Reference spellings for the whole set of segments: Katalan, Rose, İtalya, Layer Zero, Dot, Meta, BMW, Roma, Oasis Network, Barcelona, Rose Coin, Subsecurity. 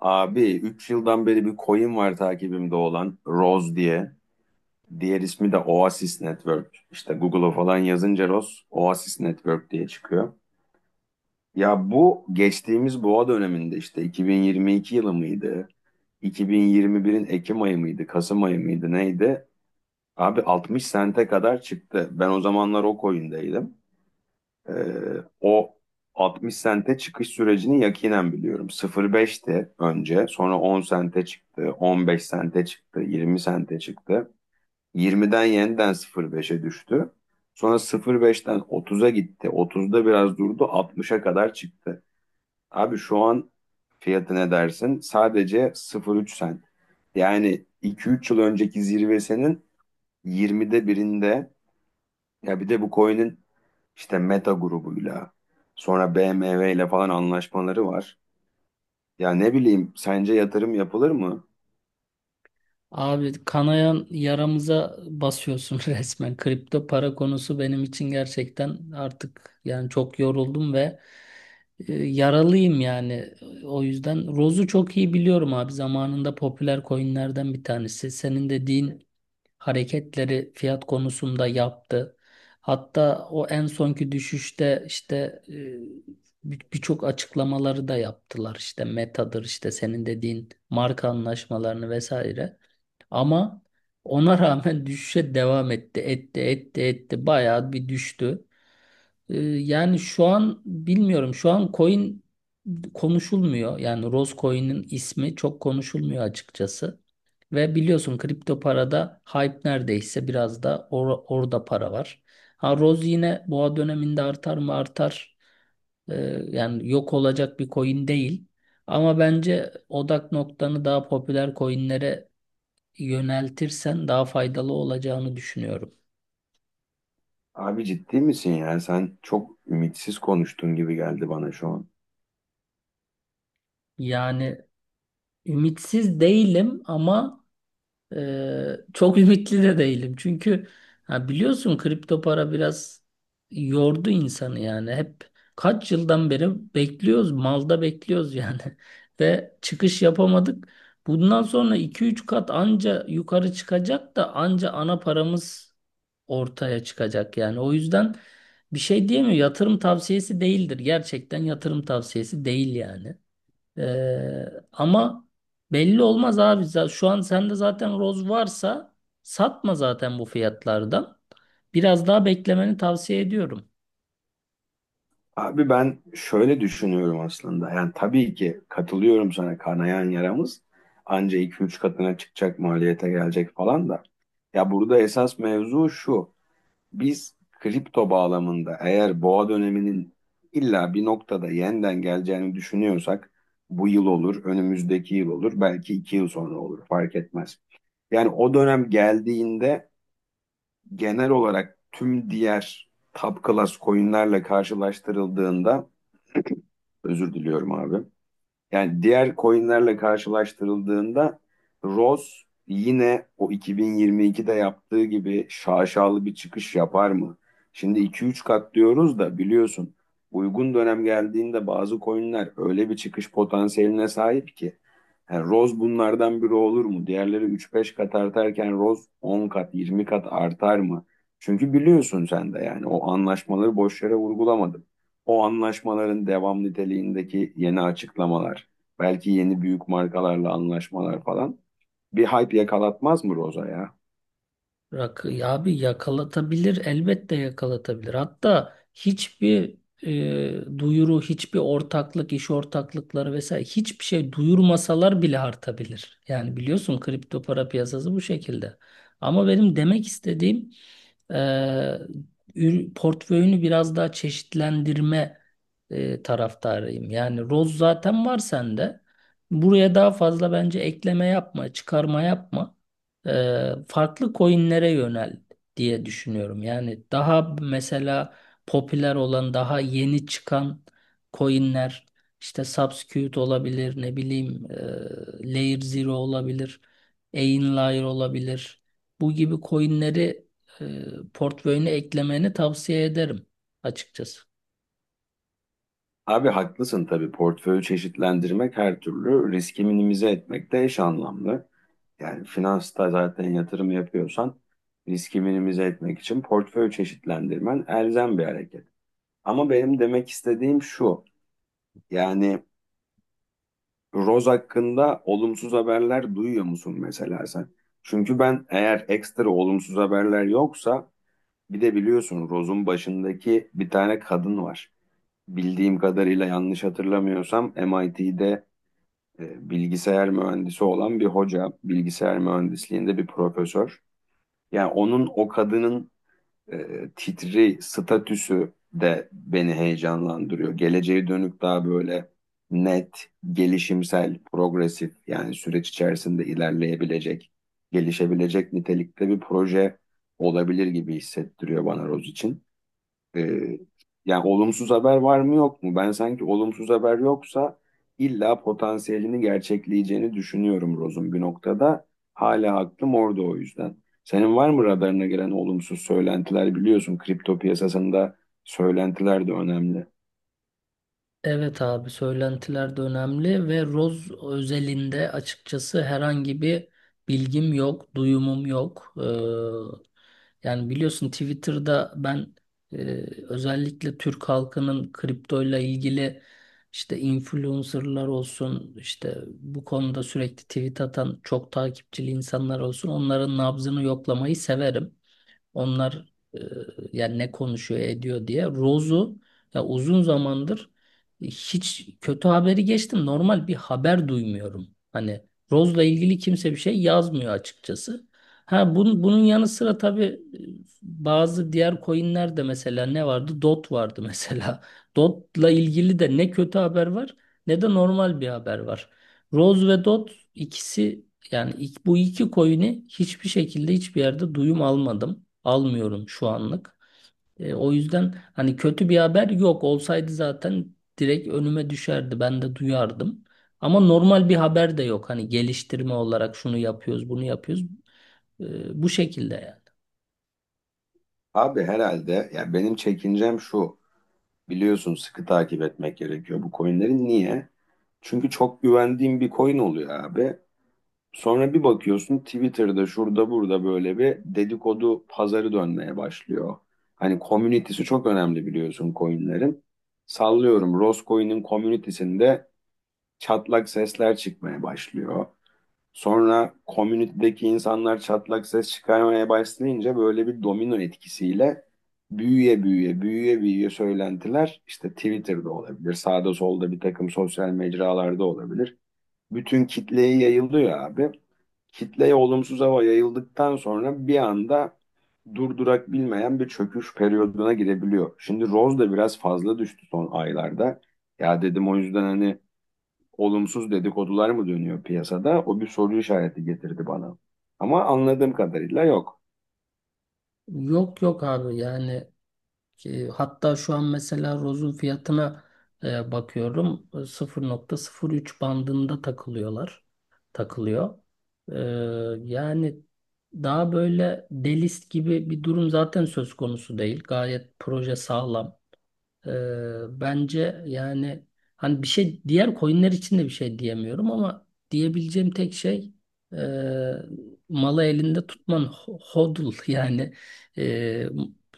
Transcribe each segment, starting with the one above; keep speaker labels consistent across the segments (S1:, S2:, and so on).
S1: Abi 3 yıldan beri bir coin var takibimde olan Rose diye. Diğer ismi de Oasis Network. İşte Google'a falan yazınca Rose Oasis Network diye çıkıyor. Ya bu geçtiğimiz boğa döneminde işte 2022 yılı mıydı? 2021'in Ekim ayı mıydı? Kasım ayı mıydı? Neydi? Abi 60 sente kadar çıktı. Ben o zamanlar o coin'deydim. Ee, o 60 sente çıkış sürecini yakinen biliyorum. 0.5'ti önce, sonra 10 sente çıktı, 15 sente çıktı, 20 sente çıktı. 20'den yeniden 0.5'e düştü. Sonra 0.5'ten 30'a gitti. 30'da biraz durdu, 60'a kadar çıktı. Abi şu an fiyatı ne dersin? Sadece 0.3 sent. Yani 2-3 yıl önceki zirvesinin 20'de birinde ya bir de bu coin'in işte Meta grubuyla sonra BMW ile falan anlaşmaları var. Ya ne bileyim sence yatırım yapılır mı?
S2: Abi kanayan yaramıza basıyorsun resmen. Kripto para konusu benim için gerçekten artık yani çok yoruldum ve yaralıyım yani. O yüzden Roz'u çok iyi biliyorum abi. Zamanında popüler coinlerden bir tanesi. Senin dediğin hareketleri fiyat konusunda yaptı. Hatta o en sonki düşüşte işte e, birçok açıklamaları da yaptılar. İşte Meta'dır işte senin dediğin marka anlaşmalarını vesaire. Ama ona rağmen düşüşe devam etti. Etti, etti, etti. Bayağı bir düştü. Yani şu an bilmiyorum. Şu an coin konuşulmuyor. Yani Rose Coin'in ismi çok konuşulmuyor açıkçası. Ve biliyorsun kripto parada hype neredeyse biraz da orada para var. Ha Rose yine boğa döneminde artar mı artar. Yani yok olacak bir coin değil. Ama bence odak noktanı daha popüler coinlere yöneltirsen daha faydalı olacağını düşünüyorum.
S1: Abi ciddi misin ya? Sen çok ümitsiz konuştun gibi geldi bana şu an.
S2: Yani ümitsiz değilim ama çok ümitli de değilim. Çünkü ha biliyorsun kripto para biraz yordu insanı yani. Hep kaç yıldan beri bekliyoruz, malda bekliyoruz yani. Ve çıkış yapamadık. Bundan sonra iki üç kat anca yukarı çıkacak da anca ana paramız ortaya çıkacak yani. O yüzden bir şey diyemiyorum. Yatırım tavsiyesi değildir. Gerçekten yatırım tavsiyesi değil yani. Ee, ama belli olmaz abi. Şu an sende zaten roz varsa satma zaten bu fiyatlardan. Biraz daha beklemeni tavsiye ediyorum.
S1: Abi ben şöyle düşünüyorum aslında. Yani tabii ki katılıyorum sana, kanayan yaramız anca iki üç katına çıkacak, maliyete gelecek falan da. Ya burada esas mevzu şu. Biz kripto bağlamında eğer boğa döneminin illa bir noktada yeniden geleceğini düşünüyorsak, bu yıl olur, önümüzdeki yıl olur, belki iki yıl sonra olur fark etmez. Yani o dönem geldiğinde genel olarak tüm diğer top class coinlerle karşılaştırıldığında özür diliyorum abi. Yani diğer coinlerle karşılaştırıldığında Rose yine o 2022'de yaptığı gibi şaşalı bir çıkış yapar mı? Şimdi 2-3 kat diyoruz da biliyorsun, uygun dönem geldiğinde bazı coinler öyle bir çıkış potansiyeline sahip ki, yani Rose bunlardan biri olur mu? Diğerleri üç beş kat artarken Rose 10 kat, 20 kat artar mı? Çünkü biliyorsun sen de, yani o anlaşmaları boş yere vurgulamadım. O anlaşmaların devam niteliğindeki yeni açıklamalar, belki yeni büyük markalarla anlaşmalar falan bir hype yakalatmaz mı Rose'a ya?
S2: Rakı ya abi yakalatabilir elbette yakalatabilir. Hatta hiçbir duyuru, hiçbir ortaklık, iş ortaklıkları vesaire hiçbir şey duyurmasalar bile artabilir. Yani biliyorsun kripto para piyasası bu şekilde. Ama benim demek istediğim e, portföyünü biraz daha çeşitlendirme taraftarıyım. Yani roz zaten var sende. Buraya daha fazla bence ekleme yapma, çıkarma yapma farklı coinlere yönel diye düşünüyorum. Yani daha mesela popüler olan, daha yeni çıkan coinler işte Subsecurity olabilir, ne bileyim Layer Zero olabilir, Layer olabilir. Bu gibi coinleri portföyüne eklemeni tavsiye ederim açıkçası.
S1: Abi haklısın tabii. Portföyü çeşitlendirmek her türlü riski minimize etmekte eş anlamlı. Yani finansta zaten yatırım yapıyorsan riski minimize etmek için portföyü çeşitlendirmen elzem bir hareket. Ama benim demek istediğim şu. Yani Roz hakkında olumsuz haberler duyuyor musun mesela sen? Çünkü ben eğer ekstra olumsuz haberler yoksa, bir de biliyorsun Roz'un başındaki bir tane kadın var. Bildiğim kadarıyla yanlış hatırlamıyorsam MIT'de bilgisayar mühendisi olan bir hoca, bilgisayar mühendisliğinde bir profesör. Yani onun o kadının titri, statüsü de beni heyecanlandırıyor. Geleceğe dönük daha böyle net, gelişimsel, progresif, yani süreç içerisinde ilerleyebilecek, gelişebilecek nitelikte bir proje olabilir gibi hissettiriyor bana Roz için. Ee, Yani olumsuz haber var mı yok mu? Ben sanki olumsuz haber yoksa illa potansiyelini gerçekleyeceğini düşünüyorum Roz'un bir noktada. Hala aklım orada o yüzden. Senin var mı radarına gelen olumsuz söylentiler? Biliyorsun kripto piyasasında söylentiler de önemli.
S2: Evet abi söylentiler de önemli ve Roz özelinde açıkçası herhangi bir bilgim yok, duyumum yok. Yani biliyorsun Twitter'da ben e, özellikle Türk halkının kriptoyla ilgili işte influencerlar olsun, işte bu konuda sürekli tweet atan çok takipçili insanlar olsun onların nabzını yoklamayı severim. Onlar e, yani ne konuşuyor ediyor diye. Rose'u ya uzun zamandır hiç kötü haberi geçtim. Normal bir haber duymuyorum. Hani Rose'la ilgili kimse bir şey yazmıyor açıkçası. Ha bunun yanı sıra tabii bazı diğer coinler de mesela ne vardı? Dot vardı mesela. Dot'la ilgili de ne kötü haber var ne de normal bir haber var. Rose ve Dot ikisi yani bu iki coin'i hiçbir şekilde hiçbir yerde duyum almadım. Almıyorum şu anlık. O yüzden hani kötü bir haber yok. Olsaydı zaten direkt önüme düşerdi. Ben de duyardım. Ama normal bir haber de yok. Hani geliştirme olarak şunu yapıyoruz, bunu yapıyoruz. Bu şekilde yani.
S1: Abi herhalde, ya benim çekincem şu. Biliyorsun sıkı takip etmek gerekiyor bu coinlerin. Niye? Çünkü çok güvendiğim bir coin oluyor abi. Sonra bir bakıyorsun Twitter'da şurada burada böyle bir dedikodu pazarı dönmeye başlıyor. Hani community'si çok önemli biliyorsun coin'lerin. Sallıyorum Roscoe'nin community'sinde çatlak sesler çıkmaya başlıyor. Sonra community'deki insanlar çatlak ses çıkarmaya başlayınca böyle bir domino etkisiyle büyüye büyüye büyüye büyüye söylentiler işte Twitter'da olabilir, sağda solda bir takım sosyal mecralarda olabilir. Bütün kitleye yayılıyor abi, kitleye olumsuz hava yayıldıktan sonra bir anda durdurak bilmeyen bir çöküş periyoduna girebiliyor. Şimdi Rose da biraz fazla düştü son aylarda. Ya dedim o yüzden hani olumsuz dedikodular mı dönüyor piyasada? O bir soru işareti getirdi bana. Ama anladığım kadarıyla yok.
S2: Yok yok abi yani, ki hatta şu an mesela rozun fiyatına bakıyorum. E, 0,03 bandında takılıyorlar. Takılıyor. E, yani daha böyle delist gibi bir durum zaten söz konusu değil. Gayet proje sağlam. Ee, bence yani hani bir şey diğer coinler için de bir şey diyemiyorum ama diyebileceğim tek şey e, malı elinde tutman hodl yani e,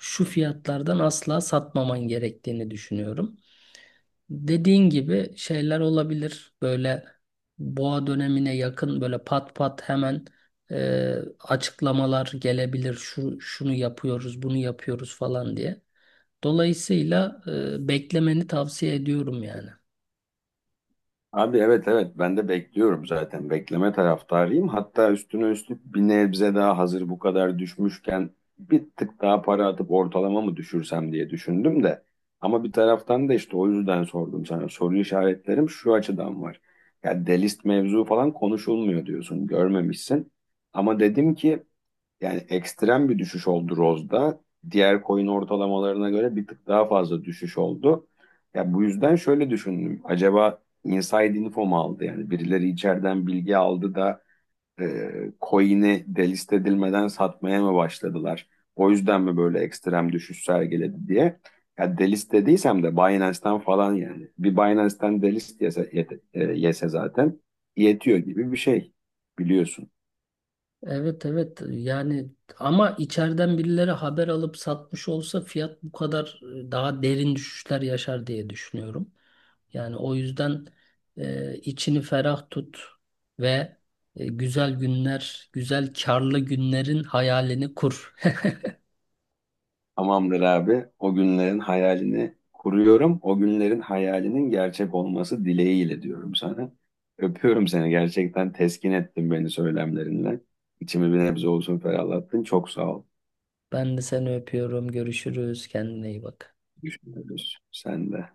S2: şu fiyatlardan asla satmaman gerektiğini düşünüyorum. Dediğin gibi şeyler olabilir böyle boğa dönemine yakın böyle pat pat hemen e, açıklamalar gelebilir şu şunu yapıyoruz bunu yapıyoruz falan diye. Dolayısıyla beklemeni tavsiye ediyorum yani.
S1: Abi evet evet ben de bekliyorum zaten. Bekleme taraftarıyım. Hatta üstüne üstlük bir nebze daha, hazır bu kadar düşmüşken bir tık daha para atıp ortalama mı düşürsem diye düşündüm de. Ama bir taraftan da işte o yüzden sordum sana. Soru işaretlerim şu açıdan var. Ya delist mevzu falan konuşulmuyor diyorsun. Görmemişsin. Ama dedim ki yani ekstrem bir düşüş oldu Rose'da. Diğer coin ortalamalarına göre bir tık daha fazla düşüş oldu. Ya bu yüzden şöyle düşündüm. Acaba inside info mu aldı? Yani birileri içeriden bilgi aldı da e, coin'i delist edilmeden satmaya mı başladılar? O yüzden mi böyle ekstrem düşüş sergiledi diye. Ya delist dediysem de Binance'ten falan yani. Bir Binance'ten delist yese, yese zaten yetiyor gibi bir şey biliyorsun.
S2: Evet evet yani ama içeriden birileri haber alıp satmış olsa fiyat bu kadar daha derin düşüşler yaşar diye düşünüyorum. Yani o yüzden içini ferah tut ve güzel günler, güzel karlı günlerin hayalini kur.
S1: Tamamdır abi. O günlerin hayalini kuruyorum. O günlerin hayalinin gerçek olması dileğiyle diyorum sana. Öpüyorum seni. Gerçekten teskin ettin beni söylemlerinle. İçimi bir nebze olsun ferahlattın. Çok sağ ol.
S2: Ben de seni öpüyorum. Görüşürüz. Kendine iyi bak.
S1: Düşünürüz. Sen de.